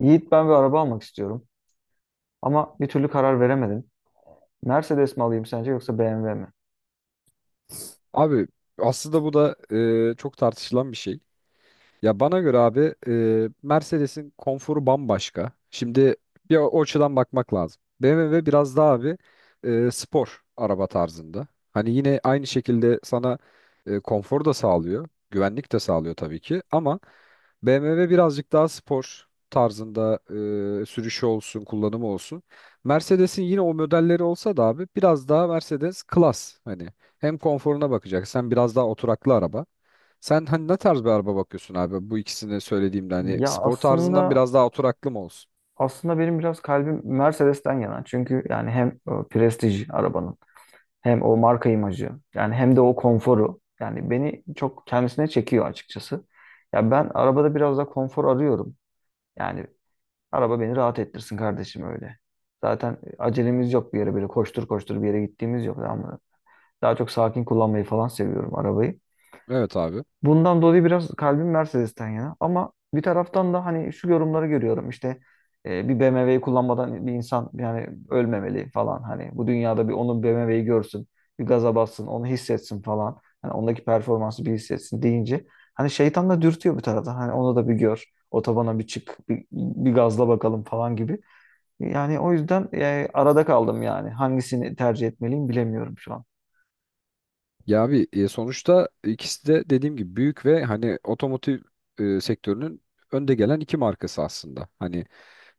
Yiğit ben bir araba almak istiyorum ama bir türlü karar veremedim. Mercedes mi alayım sence yoksa BMW mi? Abi aslında bu da çok tartışılan bir şey. Ya bana göre abi Mercedes'in konforu bambaşka. Şimdi bir o açıdan bakmak lazım. BMW biraz daha abi spor araba tarzında. Hani yine aynı şekilde sana konfor da sağlıyor, güvenlik de sağlıyor tabii ki ama BMW birazcık daha spor tarzında sürüşü olsun, kullanımı olsun. Mercedes'in yine o modelleri olsa da abi biraz daha Mercedes klas. Hani hem konforuna bakacaksın, biraz daha oturaklı araba. Sen hani ne tarz bir araba bakıyorsun abi? Bu ikisini söylediğimde hani Ya spor tarzından aslında biraz daha oturaklı mı olsun? aslında benim biraz kalbim Mercedes'ten yana. Çünkü yani hem prestij arabanın hem o marka imajı yani hem de o konforu yani beni çok kendisine çekiyor açıkçası. Ya ben arabada biraz da konfor arıyorum. Yani araba beni rahat ettirsin kardeşim öyle. Zaten acelemiz yok bir yere böyle koştur koştur bir yere gittiğimiz yok ama daha çok sakin kullanmayı falan seviyorum arabayı. Evet abi. Bundan dolayı biraz kalbim Mercedes'ten yana. Ama bir taraftan da hani şu yorumları görüyorum işte bir BMW'yi kullanmadan bir insan yani ölmemeli falan. Hani bu dünyada bir onun BMW'yi görsün, bir gaza bassın, onu hissetsin falan. Hani ondaki performansı bir hissetsin deyince hani şeytan da dürtüyor bir taraftan. Hani onu da bir gör, otobana bir çık, bir gazla bakalım falan gibi. Yani o yüzden arada kaldım yani. Hangisini tercih etmeliyim bilemiyorum şu an. Ya abi sonuçta ikisi de dediğim gibi büyük ve hani otomotiv sektörünün önde gelen iki markası aslında. Hani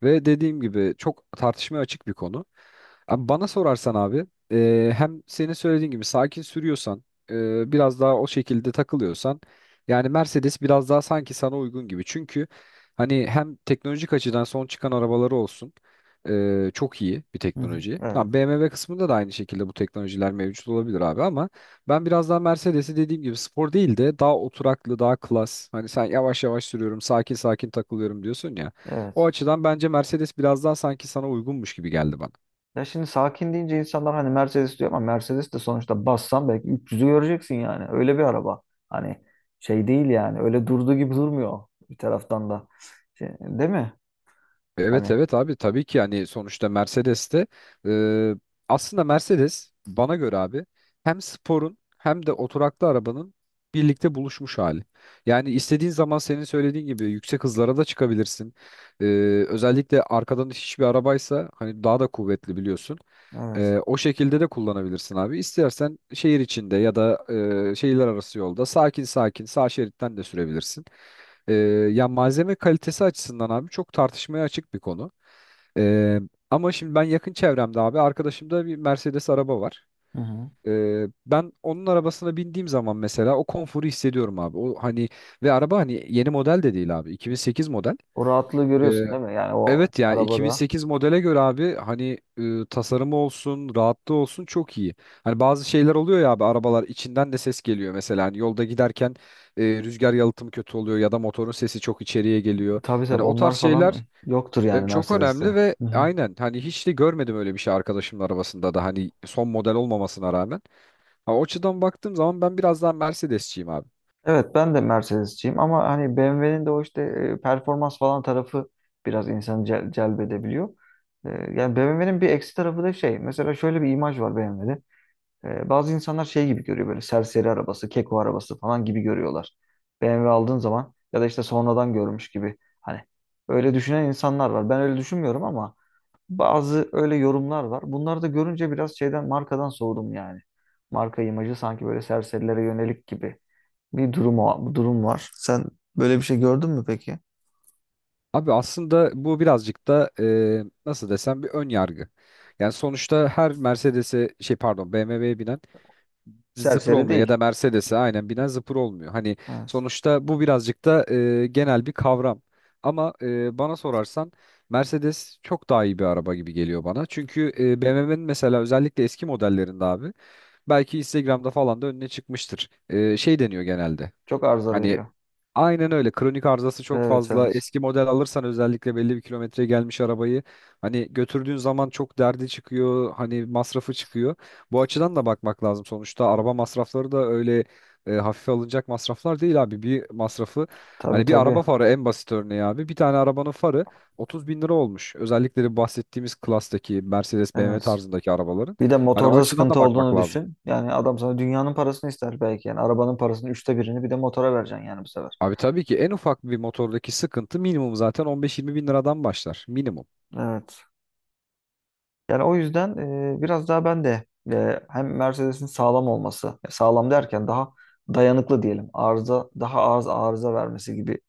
ve dediğim gibi çok tartışmaya açık bir konu. Abi bana sorarsan abi hem senin söylediğin gibi sakin sürüyorsan biraz daha o şekilde takılıyorsan yani Mercedes biraz daha sanki sana uygun gibi. Çünkü hani hem teknolojik açıdan son çıkan arabaları olsun çok iyi bir Hı hı. teknoloji. Evet, Ha, BMW kısmında da aynı şekilde bu teknolojiler mevcut olabilir abi ama ben biraz daha Mercedes'i dediğim gibi spor değil de daha oturaklı daha klas. Hani sen yavaş yavaş sürüyorum sakin sakin takılıyorum diyorsun ya. O evet. açıdan bence Mercedes biraz daha sanki sana uygunmuş gibi geldi bana. Ya şimdi sakin deyince insanlar hani Mercedes diyor ama Mercedes de sonuçta bassan belki 300'ü göreceksin yani. Öyle bir araba. Hani şey değil yani. Öyle durduğu gibi durmuyor bir taraftan da. Şey, değil mi? Evet Hani evet abi tabii ki yani sonuçta Mercedes'te e, aslında Mercedes bana göre abi hem sporun hem de oturaklı arabanın birlikte buluşmuş hali. Yani istediğin zaman senin söylediğin gibi yüksek hızlara da çıkabilirsin. E, Özellikle arkadan hiçbir arabaysa hani daha da kuvvetli biliyorsun. evet. O şekilde de kullanabilirsin abi. İstersen şehir içinde ya da şehirler arası yolda sakin sakin sağ şeritten de sürebilirsin. Ee, Ya malzeme kalitesi açısından abi çok tartışmaya açık bir konu. Ee, Ama şimdi ben yakın çevremde abi arkadaşımda bir Mercedes araba var. Hı hı. Ben onun arabasına bindiğim zaman mesela o konforu hissediyorum abi. O hani ve araba hani yeni model de değil abi. 2008 model. O rahatlığı görüyorsun değil mi? Yani o Evet yani arabada. 2008 modele göre abi hani tasarımı olsun, rahatlığı olsun çok iyi. Hani bazı şeyler oluyor ya abi arabalar içinden de ses geliyor mesela. Hani yolda giderken rüzgar yalıtımı kötü oluyor ya da motorun sesi çok içeriye geliyor. Tabii Hani tabii o tarz onlar şeyler falan yoktur yani çok Mercedes'te. önemli ve Hı hı. aynen hani hiç de görmedim öyle bir şey arkadaşımın arabasında da hani son model olmamasına rağmen. Ha, o açıdan baktığım zaman ben biraz daha Mercedesçiyim abi. Evet ben de Mercedes'ciyim ama hani BMW'nin de o işte performans falan tarafı biraz insanı celbedebiliyor. Yani BMW'nin bir eksi tarafı da şey. Mesela şöyle bir imaj var BMW'de. Bazı insanlar şey gibi görüyor böyle serseri arabası, keko arabası falan gibi görüyorlar. BMW aldığın zaman ya da işte sonradan görmüş gibi. Hani öyle düşünen insanlar var. Ben öyle düşünmüyorum ama bazı öyle yorumlar var. Bunları da görünce biraz şeyden markadan soğudum yani. Marka imajı sanki böyle serserilere yönelik gibi bir durum, durum var. Sen böyle bir şey gördün mü peki? Abi aslında bu birazcık da nasıl desem bir ön yargı. Yani sonuçta her Mercedes'e şey pardon BMW'ye binen zıpır Serseri olmuyor ya değil. da Mercedes'e aynen binen zıpır olmuyor. Hani Evet. sonuçta bu birazcık da genel bir kavram. Ama bana sorarsan Mercedes çok daha iyi bir araba gibi geliyor bana. Çünkü BMW'nin mesela özellikle eski modellerinde abi belki Instagram'da falan da önüne çıkmıştır. Şey deniyor genelde. Çok arıza Hani veriyor. aynen öyle. Kronik arızası çok Evet, fazla. evet. Eski model alırsan özellikle belli bir kilometreye gelmiş arabayı hani götürdüğün zaman çok derdi çıkıyor. Hani masrafı çıkıyor. Bu açıdan da bakmak lazım sonuçta. Araba masrafları da öyle hafife alınacak masraflar değil abi. Bir masrafı Tabii, hani bir araba tabii. farı en basit örneği abi. Bir tane arabanın farı 30 bin lira olmuş. Özellikle de bahsettiğimiz klastaki Mercedes BMW Evet. tarzındaki arabaların. Bir de Hani o motorda açıdan sıkıntı da bakmak olduğunu lazım. düşün. Yani adam sana dünyanın parasını ister belki. Yani arabanın parasının üçte birini bir de motora vereceksin yani bu sefer. Abi tabii ki en ufak bir motordaki sıkıntı minimum zaten 15-20 bin liradan başlar. Minimum. Evet. Yani o yüzden biraz daha ben de hem Mercedes'in sağlam olması, sağlam derken daha dayanıklı diyelim, daha az arıza vermesi gibi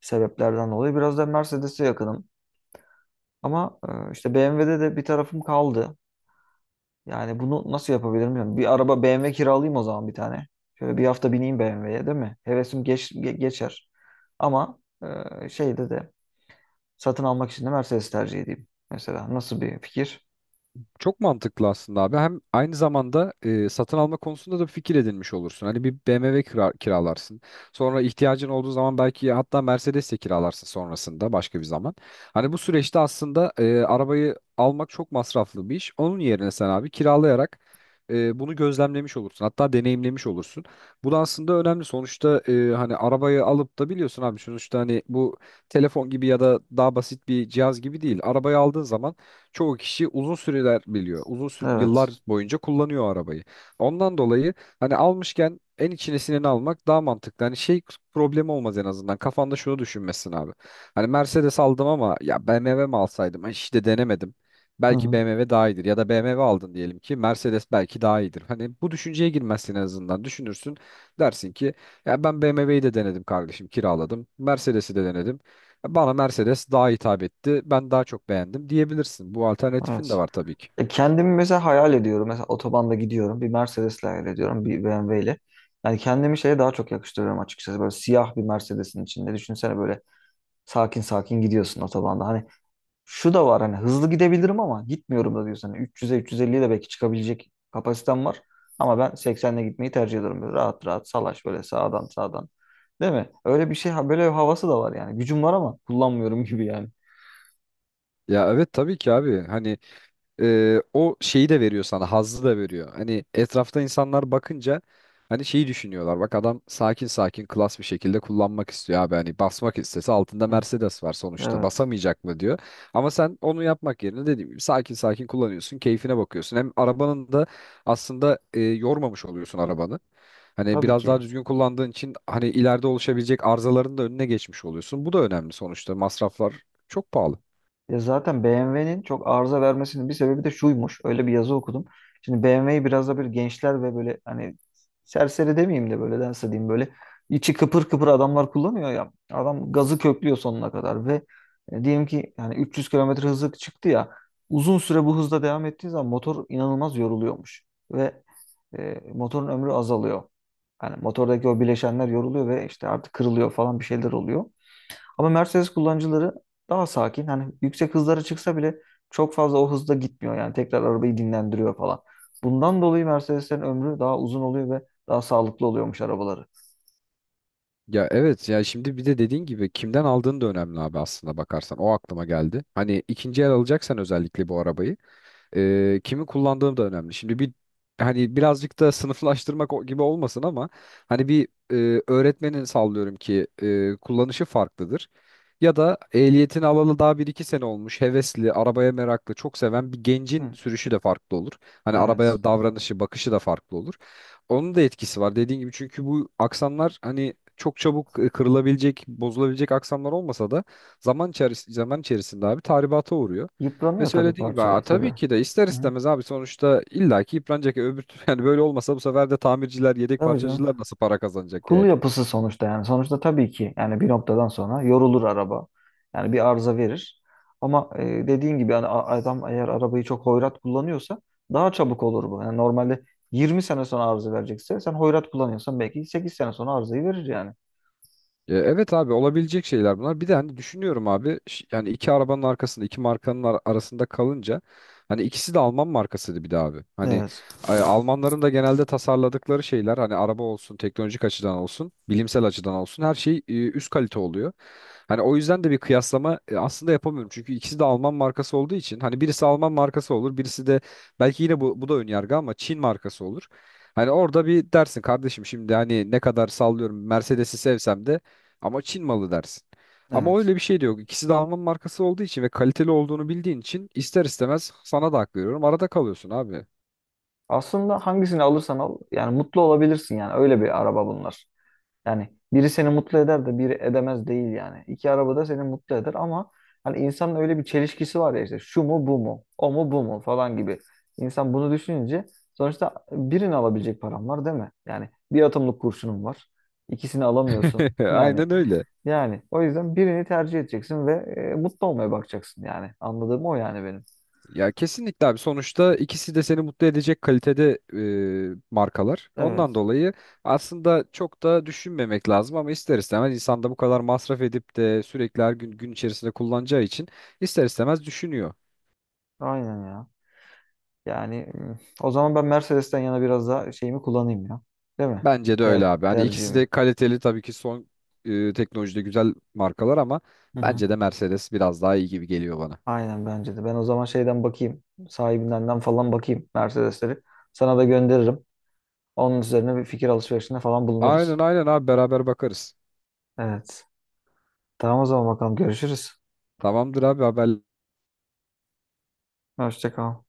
sebeplerden dolayı biraz da Mercedes'e yakınım. Ama işte BMW'de de bir tarafım kaldı. Yani bunu nasıl yapabilirim bilmiyorum. Bir araba BMW kiralayayım o zaman bir tane. Şöyle bir hafta bineyim BMW'ye değil mi? Hevesim geçer. Ama şeyde de satın almak için de Mercedes tercih edeyim. Mesela nasıl bir fikir? Çok mantıklı aslında abi. Hem aynı zamanda satın alma konusunda da bir fikir edinmiş olursun. Hani bir BMW kiralarsın. Sonra ihtiyacın olduğu zaman belki hatta Mercedes de kiralarsın sonrasında başka bir zaman. Hani bu süreçte aslında arabayı almak çok masraflı bir iş. Onun yerine sen abi kiralayarak bunu gözlemlemiş olursun. Hatta deneyimlemiş olursun. Bu da aslında önemli. Sonuçta hani arabayı alıp da biliyorsun abi sonuçta hani bu telefon gibi ya da daha basit bir cihaz gibi değil. Arabayı aldığın zaman çoğu kişi uzun süreler biliyor. Uzun yıllar Evet. boyunca kullanıyor arabayı. Ondan dolayı hani almışken en içine sineni almak daha mantıklı. Hani şey problemi olmaz en azından. Kafanda şunu düşünmesin abi. Hani Mercedes aldım ama ya BMW mi alsaydım? Ay, İşte denemedim. Hı Belki hı. BMW daha iyidir ya da BMW aldın diyelim ki Mercedes belki daha iyidir. Hani bu düşünceye girmezsin en azından. Düşünürsün dersin ki ya ben BMW'yi de denedim kardeşim kiraladım. Mercedes'i de denedim. Bana Mercedes daha hitap etti. Ben daha çok beğendim diyebilirsin. Bu alternatifin de Evet. var tabii ki. Kendimi mesela hayal ediyorum. Mesela otobanda gidiyorum. Bir Mercedes'le hayal ediyorum. Bir BMW ile. Yani kendimi şeye daha çok yakıştırıyorum açıkçası. Böyle siyah bir Mercedes'in içinde. Düşünsene böyle sakin sakin gidiyorsun otobanda. Hani şu da var hani hızlı gidebilirim ama gitmiyorum da diyorsun. Hani 300'e 350'ye de belki çıkabilecek kapasitem var. Ama ben 80'le gitmeyi tercih ediyorum. Böyle rahat rahat salaş böyle sağdan sağdan. Değil mi? Öyle bir şey böyle bir havası da var yani. Gücüm var ama kullanmıyorum gibi yani. Ya evet tabii ki abi. Hani o şeyi de veriyor sana, hazzı da veriyor. Hani etrafta insanlar bakınca hani şeyi düşünüyorlar. Bak adam sakin sakin klas bir şekilde kullanmak istiyor abi. Hani basmak istese altında Hı. Mercedes var sonuçta. Evet. Basamayacak mı diyor. Ama sen onu yapmak yerine dediğim gibi sakin sakin kullanıyorsun, keyfine bakıyorsun. Hem arabanın da aslında yormamış oluyorsun arabanı. Hani Tabii biraz daha ki. düzgün kullandığın için hani ileride oluşabilecek arızaların da önüne geçmiş oluyorsun. Bu da önemli sonuçta. Masraflar çok pahalı. Ya zaten BMW'nin çok arıza vermesinin bir sebebi de şuymuş. Öyle bir yazı okudum. Şimdi BMW'yi biraz da böyle gençler ve böyle hani serseri demeyeyim de böyle nasıl diyeyim böyle içi kıpır kıpır adamlar kullanıyor ya. Adam gazı köklüyor sonuna kadar ve diyelim ki yani 300 kilometre hızı çıktı ya, uzun süre bu hızda devam ettiği zaman motor inanılmaz yoruluyormuş ve motorun ömrü azalıyor. Yani motordaki o bileşenler yoruluyor ve işte artık kırılıyor falan bir şeyler oluyor. Ama Mercedes kullanıcıları daha sakin. Hani yüksek hızlara çıksa bile çok fazla o hızda gitmiyor. Yani tekrar arabayı dinlendiriyor falan. Bundan dolayı Mercedes'lerin ömrü daha uzun oluyor ve daha sağlıklı oluyormuş arabaları. Ya evet ya şimdi bir de dediğin gibi kimden aldığın da önemli abi aslında bakarsan. O aklıma geldi. Hani ikinci el alacaksan özellikle bu arabayı kimi kullandığım da önemli. Şimdi bir hani birazcık da sınıflaştırmak gibi olmasın ama hani bir öğretmenin sallıyorum ki kullanışı farklıdır. Ya da ehliyetini alalı daha bir iki sene olmuş, hevesli, arabaya meraklı, çok seven bir gencin Hı, sürüşü de farklı olur. Hani evet. arabaya davranışı, bakışı da farklı olur. Onun da etkisi var dediğin gibi çünkü bu aksanlar hani çok çabuk kırılabilecek, bozulabilecek aksanlar olmasa da zaman içerisinde abi tahribata uğruyor. Ve Yıpranıyor tabii söylediğin gibi "Aa, parçalar tabii tabii. ki de ister Hı, istemez abi sonuçta illaki yıpranacak. Öbür yani böyle olmasa bu sefer de tamirciler, yedek tabii canım. parçacılar nasıl para kazanacak Kul yani? yapısı sonuçta yani. Sonuçta tabii ki yani bir noktadan sonra yorulur araba. Yani bir arıza verir. Ama dediğin gibi yani adam eğer arabayı çok hoyrat kullanıyorsa daha çabuk olur bu. Yani normalde 20 sene sonra arıza verecekse sen hoyrat kullanıyorsan belki 8 sene sonra arızayı verir yani. Evet abi olabilecek şeyler bunlar. Bir de hani düşünüyorum abi yani iki arabanın arkasında iki markanın arasında kalınca hani ikisi de Alman markasıydı bir de abi. Hani Evet. Almanların da genelde tasarladıkları şeyler hani araba olsun teknolojik açıdan olsun bilimsel açıdan olsun her şey üst kalite oluyor. Hani o yüzden de bir kıyaslama aslında yapamıyorum. Çünkü ikisi de Alman markası olduğu için hani birisi Alman markası olur birisi de belki yine bu da önyargı ama Çin markası olur. Hani orada bir dersin kardeşim şimdi hani ne kadar sallıyorum Mercedes'i sevsem de ama Çin malı dersin. Ama Evet. öyle bir şey de yok. İkisi de Alman markası olduğu için ve kaliteli olduğunu bildiğin için ister istemez sana da hak veriyorum. Arada kalıyorsun abi. Aslında hangisini alırsan al yani mutlu olabilirsin yani öyle bir araba bunlar. Yani biri seni mutlu eder de biri edemez değil yani. İki araba da seni mutlu eder ama hani insanın öyle bir çelişkisi var ya işte şu mu bu mu o mu bu mu falan gibi. İnsan bunu düşününce sonuçta birini alabilecek param var değil mi? Yani bir atımlık kurşunum var. İkisini alamıyorsun. Yani Aynen öyle. yani o yüzden birini tercih edeceksin ve mutlu olmaya bakacaksın yani. Anladığım o yani benim. Ya kesinlikle abi sonuçta ikisi de seni mutlu edecek kalitede markalar. Ondan Evet. dolayı aslında çok da düşünmemek lazım ama ister istemez insan da bu kadar masraf edip de sürekli her gün gün içerisinde kullanacağı için ister istemez düşünüyor. Aynen ya. Yani o zaman ben Mercedes'ten yana biraz daha şeyimi kullanayım ya. Değil mi? Bence de öyle abi. Hani ikisi de Tercihimi. kaliteli tabii ki son teknolojide güzel markalar ama Hı hı. bence de Mercedes biraz daha iyi gibi geliyor bana. Aynen bence de. Ben o zaman şeyden bakayım. Sahibindenden falan bakayım Mercedes'leri. Sana da gönderirim. Onun üzerine bir fikir alışverişinde falan Aynen bulunuruz. aynen abi beraber bakarız. Evet. Tamam o zaman bakalım görüşürüz. Tamamdır abi haber. Hoşça kal.